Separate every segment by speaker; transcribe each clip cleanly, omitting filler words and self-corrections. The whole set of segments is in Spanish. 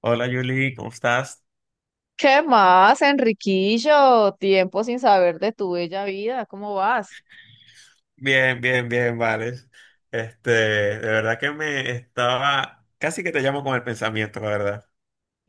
Speaker 1: Hola Julie, ¿cómo estás?
Speaker 2: ¿Qué más, Enriquillo? Tiempo sin saber de tu bella vida. ¿Cómo vas?
Speaker 1: Bien, bien, bien, vale. De verdad que me estaba, casi que te llamo con el pensamiento, la verdad.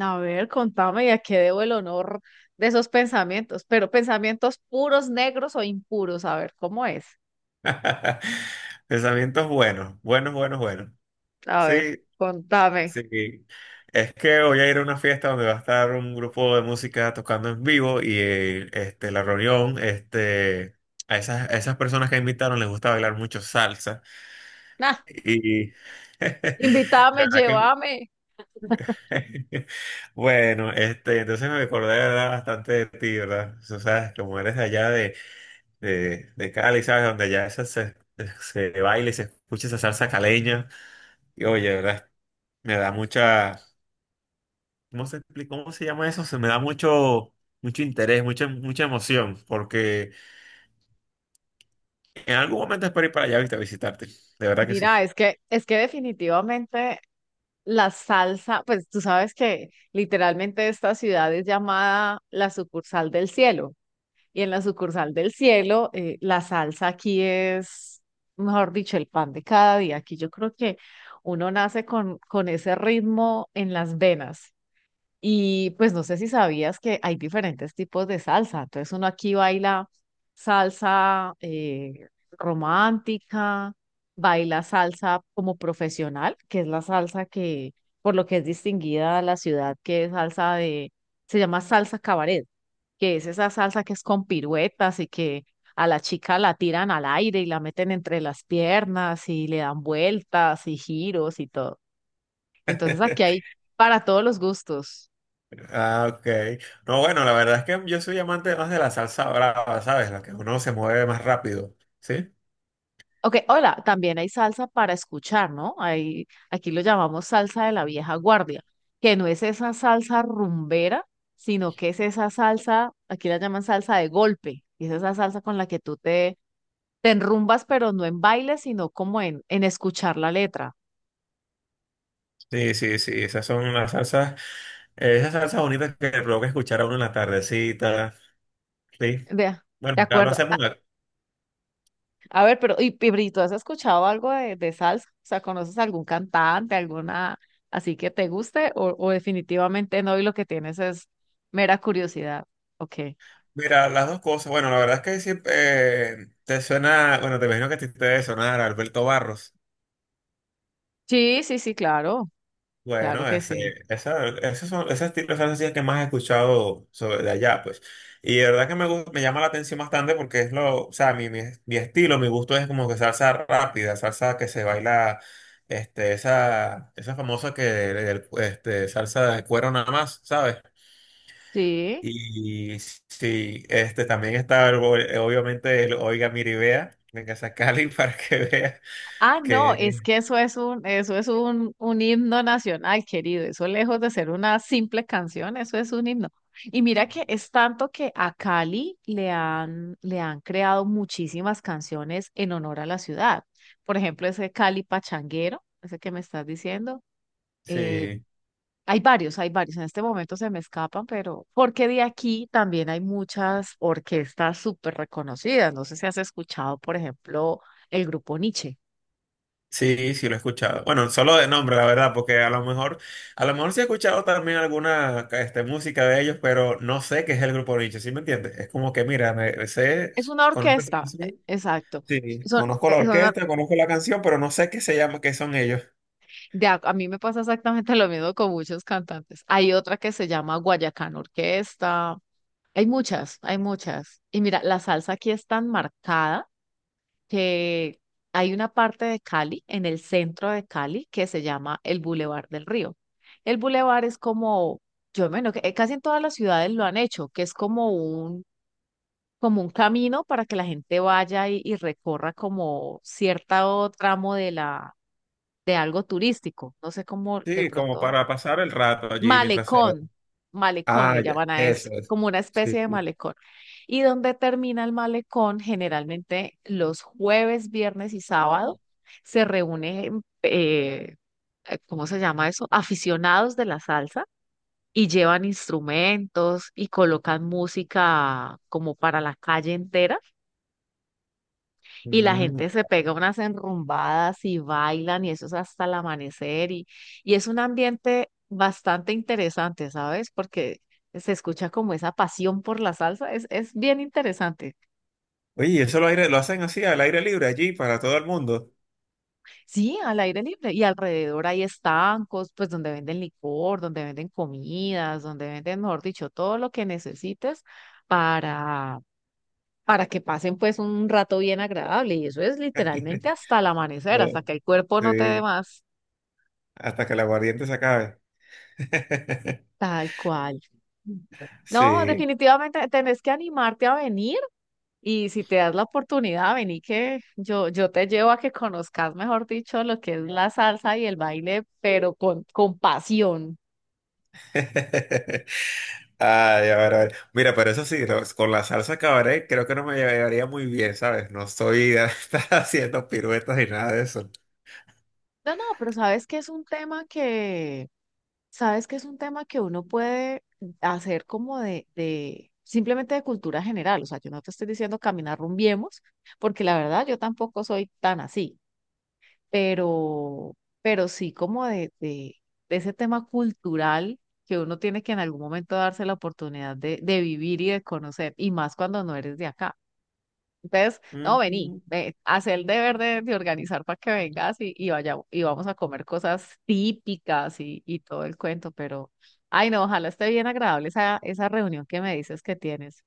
Speaker 2: A ver, contame, ¿y a qué debo el honor de esos pensamientos? Pero pensamientos puros, negros o impuros. A ver, ¿cómo es?
Speaker 1: Pensamientos buenos, buenos, buenos, buenos.
Speaker 2: A ver,
Speaker 1: Sí,
Speaker 2: contame.
Speaker 1: sí. Es que voy a ir a una fiesta donde va a estar un grupo de música tocando en vivo y a esas personas que invitaron les gusta bailar mucho salsa.
Speaker 2: Nah,
Speaker 1: Y de
Speaker 2: invítame,
Speaker 1: verdad.
Speaker 2: llévame.
Speaker 1: Bueno, entonces me acordé, ¿verdad? Bastante de ti, ¿verdad? O sea, como eres de allá de, de Cali, ¿sabes? Donde allá se baila y se escucha esa salsa caleña. Y oye, ¿verdad? Me da mucha, ¿cómo se explica? ¿Cómo se llama eso? Se me da mucho interés, mucha emoción, porque en algún momento espero ir para allá, ¿viste? A visitarte. De verdad que sí.
Speaker 2: Mira, es que definitivamente la salsa, pues tú sabes que literalmente esta ciudad es llamada la sucursal del cielo. Y en la sucursal del cielo, la salsa aquí es, mejor dicho, el pan de cada día. Aquí yo creo que uno nace con ese ritmo en las venas. Y pues no sé si sabías que hay diferentes tipos de salsa. Entonces uno aquí baila salsa romántica, baila salsa como profesional, que es la salsa que, por lo que es distinguida a la ciudad, que es salsa de, se llama salsa cabaret, que es esa salsa que es con piruetas y que a la chica la tiran al aire y la meten entre las piernas y le dan vueltas y giros y todo. Entonces aquí hay para todos los gustos.
Speaker 1: Ah, ok. No, bueno, la verdad es que yo soy amante más de la salsa brava, ¿sabes? La que uno se mueve más rápido, ¿sí?
Speaker 2: Ok, hola, también hay salsa para escuchar, ¿no? Hay, aquí lo llamamos salsa de la vieja guardia, que no es esa salsa rumbera, sino que es esa salsa, aquí la llaman salsa de golpe, y es esa salsa con la que te enrumbas, pero no en baile, sino como en escuchar la letra.
Speaker 1: Sí, sí, sí, esas son las salsas, esas salsas bonitas que le provoca escuchar a uno en la tardecita, sí.
Speaker 2: Vea, de
Speaker 1: Bueno, ya lo
Speaker 2: acuerdo.
Speaker 1: hacemos.
Speaker 2: A ver, pero, y Bri, ¿tú has escuchado algo de salsa? O sea, ¿conoces algún cantante, alguna así que te guste? O definitivamente no, y lo que tienes es mera curiosidad. Ok.
Speaker 1: Mira, las dos cosas, bueno, la verdad es que siempre te suena, bueno, te imagino que a ti te debe sonar Alberto Barros.
Speaker 2: Sí, sí, sí, claro, claro
Speaker 1: Bueno,
Speaker 2: que
Speaker 1: ese,
Speaker 2: sí.
Speaker 1: esa, esos son, ese estilo de salsa sí es que más he escuchado sobre de allá, pues. Y de verdad que me llama la atención bastante porque es lo, o sea, mi estilo, mi gusto es como que salsa rápida, salsa que se baila, esa famosa salsa de cuero nada más, ¿sabes?
Speaker 2: Sí.
Speaker 1: Y sí, también está obviamente el Oiga Miribea, venga a Cali para que vea
Speaker 2: Ah, no, es
Speaker 1: que
Speaker 2: que eso es un himno nacional, querido. Eso lejos de ser una simple canción, eso es un himno. Y mira que es tanto que a Cali le han creado muchísimas canciones en honor a la ciudad. Por ejemplo, ese Cali Pachanguero, ese que me estás diciendo. Eh,
Speaker 1: sí.
Speaker 2: hay varios, hay varios. En este momento se me escapan, pero porque de aquí también hay muchas orquestas súper reconocidas. No sé si has escuchado, por ejemplo, el grupo Nietzsche.
Speaker 1: Sí, sí lo he escuchado. Bueno, solo de nombre, la verdad, porque a lo mejor sí he escuchado también alguna música de ellos, pero no sé qué es el grupo Nietzsche, ¿sí me entiendes? Es como que, mira,
Speaker 2: Es una
Speaker 1: conozco esa
Speaker 2: orquesta,
Speaker 1: canción,
Speaker 2: exacto.
Speaker 1: sí,
Speaker 2: Son,
Speaker 1: conozco la
Speaker 2: son
Speaker 1: orquesta, conozco la canción, pero no sé qué se llama, qué son ellos.
Speaker 2: a mí me pasa exactamente lo mismo con muchos cantantes. Hay otra que se llama Guayacán Orquesta. Hay muchas, hay muchas. Y mira, la salsa aquí es tan marcada que hay una parte de Cali, en el centro de Cali, que se llama el Boulevard del Río. El Boulevard es como, yo menos, casi en todas las ciudades lo han hecho, que es como como un camino para que la gente vaya y recorra como cierto tramo de algo turístico. No sé cómo de
Speaker 1: Sí, como
Speaker 2: pronto,
Speaker 1: para pasar el rato allí mientras se...
Speaker 2: malecón, malecón
Speaker 1: Ah,
Speaker 2: le
Speaker 1: ya,
Speaker 2: llaman a eso,
Speaker 1: eso es.
Speaker 2: como una
Speaker 1: Sí.
Speaker 2: especie de
Speaker 1: Sí.
Speaker 2: malecón. Y donde termina el malecón, generalmente los jueves, viernes y sábado se reúnen, ¿cómo se llama eso? Aficionados de la salsa. Y llevan instrumentos y colocan música como para la calle entera. Y la
Speaker 1: Mm.
Speaker 2: gente se pega unas enrumbadas y bailan y eso es hasta el amanecer y es un ambiente bastante interesante, ¿sabes? Porque se escucha como esa pasión por la salsa, es bien interesante.
Speaker 1: Oye, eso lo hacen así, al aire libre allí, para todo el mundo.
Speaker 2: Sí, al aire libre y alrededor hay estancos, pues donde venden licor, donde venden comidas, donde venden, mejor dicho, todo lo que necesites para, para que pasen pues un rato bien agradable y eso es literalmente hasta el amanecer, hasta que el cuerpo no te dé
Speaker 1: Sí,
Speaker 2: más.
Speaker 1: hasta que el aguardiente se acabe.
Speaker 2: Tal cual. No,
Speaker 1: Sí.
Speaker 2: definitivamente tenés que animarte a venir y si te das la oportunidad, vení que yo te llevo a que conozcas, mejor dicho, lo que es la salsa y el baile, pero con pasión.
Speaker 1: Ay, a ver, a ver. Mira, pero eso sí, con la salsa cabaret creo que no me llevaría muy bien, ¿sabes? No estoy de estar haciendo piruetas ni nada de eso.
Speaker 2: No, no, pero sabes que es un tema que uno puede hacer como simplemente de cultura general. O sea, yo no te estoy diciendo caminar rumbiemos, porque la verdad yo tampoco soy tan así. pero, pero sí como de ese tema cultural que uno tiene que en algún momento darse la oportunidad de vivir y de conocer, y más cuando no eres de acá. Entonces, no, vení,
Speaker 1: Mm.
Speaker 2: ve, haz el deber de organizar para que vengas y vaya, y vamos a comer cosas típicas y todo el cuento, pero, ay no, ojalá esté bien agradable esa, esa reunión que me dices que tienes.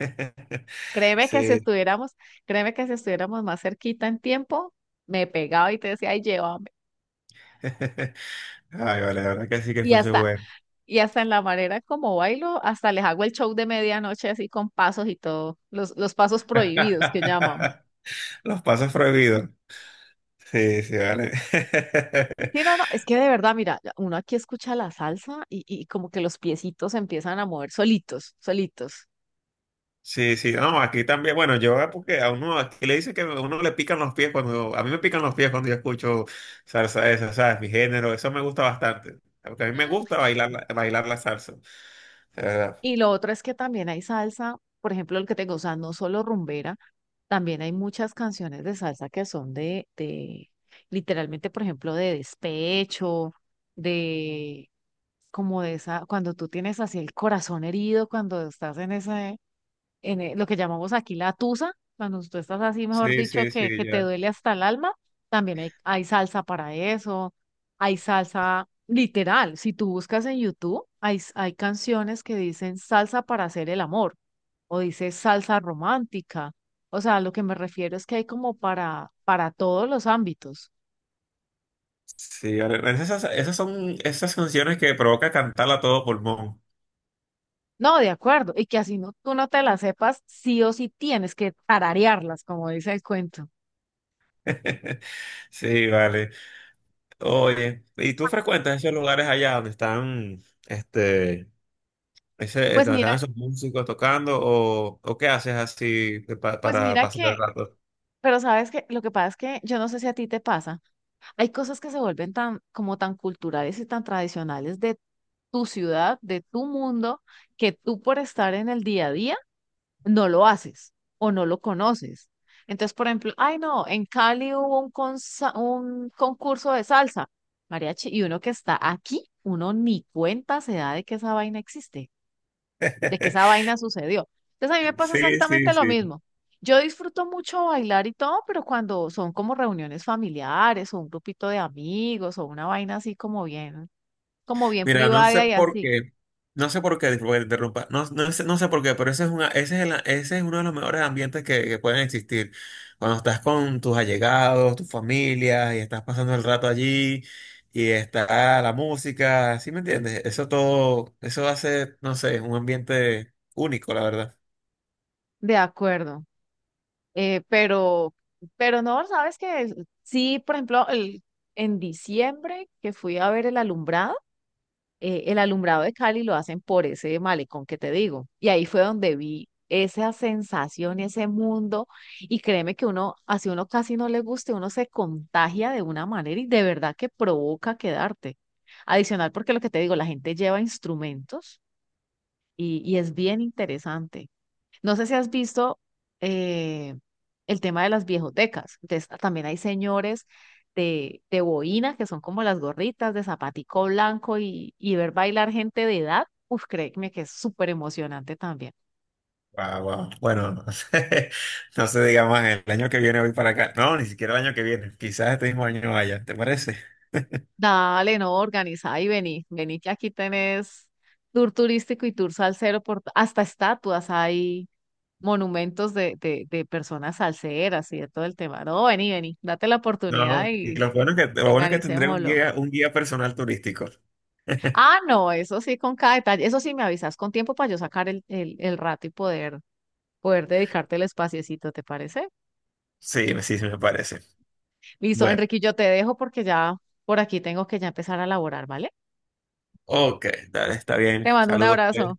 Speaker 2: Créeme que si
Speaker 1: Sí.
Speaker 2: estuviéramos, Créeme que si estuviéramos más cerquita en tiempo, me pegaba y te decía, ay, llévame.
Speaker 1: Ay, vale, la verdad que sí que
Speaker 2: Y
Speaker 1: fuese
Speaker 2: hasta,
Speaker 1: bueno.
Speaker 2: Y hasta en la manera como bailo, hasta les hago el show de medianoche así con pasos y todo, los pasos prohibidos que llaman.
Speaker 1: Los pasos prohibidos. Sí, sí, vale.
Speaker 2: Sí, no, no, es que de verdad, mira, uno aquí escucha la salsa y como que los piecitos empiezan a mover solitos, solitos.
Speaker 1: Sí, sí, no, aquí también, bueno, yo porque a uno aquí le dicen que a uno le pican los pies cuando, a mí me pican los pies cuando yo escucho salsa esa, ¿sabes? Mi género, eso me gusta bastante, porque a mí me
Speaker 2: Mm.
Speaker 1: gusta bailar la salsa, de verdad.
Speaker 2: Y lo otro es que también hay salsa, por ejemplo, el que tengo, o sea, no solo rumbera, también hay muchas canciones de salsa que son de literalmente, por ejemplo, de despecho, de como de esa, cuando tú tienes así el corazón herido, cuando estás en ese, lo que llamamos aquí la tusa, cuando tú estás así, mejor
Speaker 1: Sí,
Speaker 2: dicho,
Speaker 1: sí, sí,
Speaker 2: que te
Speaker 1: ya.
Speaker 2: duele hasta el alma, también hay salsa para eso, hay salsa literal, si tú buscas en YouTube, hay canciones que dicen salsa para hacer el amor, o dice salsa romántica, o sea, lo que me refiero es que hay como para todos los ámbitos.
Speaker 1: Sí, ahora, esas son esas canciones que provoca cantarla a todo pulmón.
Speaker 2: No, de acuerdo. Y que así no, tú no te las sepas, sí o sí tienes que tararearlas, como dice el cuento.
Speaker 1: Sí, vale. Oye, ¿y tú frecuentas esos lugares allá donde están...
Speaker 2: Pues
Speaker 1: ¿Están
Speaker 2: mira,
Speaker 1: esos músicos tocando o qué haces así que pa-
Speaker 2: pues
Speaker 1: para
Speaker 2: mira
Speaker 1: pasar el
Speaker 2: que,
Speaker 1: rato?
Speaker 2: pero sabes que lo que pasa es que yo no sé si a ti te pasa. Hay cosas que se vuelven tan, como tan culturales y tan tradicionales de tu ciudad, de tu mundo, que tú por estar en el día a día no lo haces o no lo conoces. Entonces, por ejemplo, ay no, en Cali hubo un, un concurso de salsa, mariachi, y uno que está aquí, uno ni cuenta se da de que esa vaina existe, de que esa vaina sucedió. Entonces a mí me pasa
Speaker 1: Sí,
Speaker 2: exactamente
Speaker 1: sí,
Speaker 2: lo
Speaker 1: sí.
Speaker 2: mismo. Yo disfruto mucho bailar y todo, pero cuando son como reuniones familiares o un grupito de amigos o una vaina así como bien
Speaker 1: Mira, no sé
Speaker 2: privada y
Speaker 1: por
Speaker 2: así,
Speaker 1: qué, no sé por qué, disculpa que te interrumpa, no, no sé por qué, pero ese es, una, ese es, el- ese es uno de los mejores ambientes que pueden existir. Cuando estás con tus allegados, tu familia, y estás pasando el rato allí, y está la música, ¿sí me entiendes? Eso hace, no sé, un ambiente único, la verdad.
Speaker 2: de acuerdo. Eh, pero, pero no, sabes que sí, por ejemplo, el, en diciembre que fui a ver el alumbrado de Cali lo hacen por ese malecón que te digo. Y ahí fue donde vi esa sensación, ese mundo. Y créeme que uno, así uno casi no le guste, uno se contagia de una manera y de verdad que provoca quedarte. Adicional, porque lo que te digo, la gente lleva instrumentos y es bien interesante. No sé si has visto eh, el tema de las viejotecas. Entonces, también hay señores de boina, que son como las gorritas de zapatico blanco y ver bailar gente de edad. Uf, créeme que es súper emocionante también.
Speaker 1: Guau, guau. Bueno, no sé, no sé, digamos, el año que viene voy para acá. No, ni siquiera el año que viene. Quizás este mismo año vaya, ¿te parece?
Speaker 2: Dale, no, organiza y vení, vení que aquí tenés tour turístico y tour salsero por hasta estatuas hay monumentos de personas salseras y de todo el tema. No, vení, vení, date la oportunidad
Speaker 1: No, y lo bueno es que,
Speaker 2: y
Speaker 1: lo bueno es que tendré un
Speaker 2: organicémoslo.
Speaker 1: guía, un guía personal turístico.
Speaker 2: Ah, no, eso sí, con cada detalle. Eso sí, me avisas con tiempo para yo sacar el rato y poder, poder dedicarte el espaciecito, ¿te parece?
Speaker 1: Sí, sí me parece.
Speaker 2: Listo,
Speaker 1: Bueno,
Speaker 2: Enrique, yo te dejo porque ya por aquí tengo que ya empezar a laborar, ¿vale?
Speaker 1: ok, dale, está bien.
Speaker 2: Te mando un
Speaker 1: Saludos, pues.
Speaker 2: abrazo.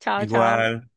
Speaker 2: Chao, chao.
Speaker 1: Igual.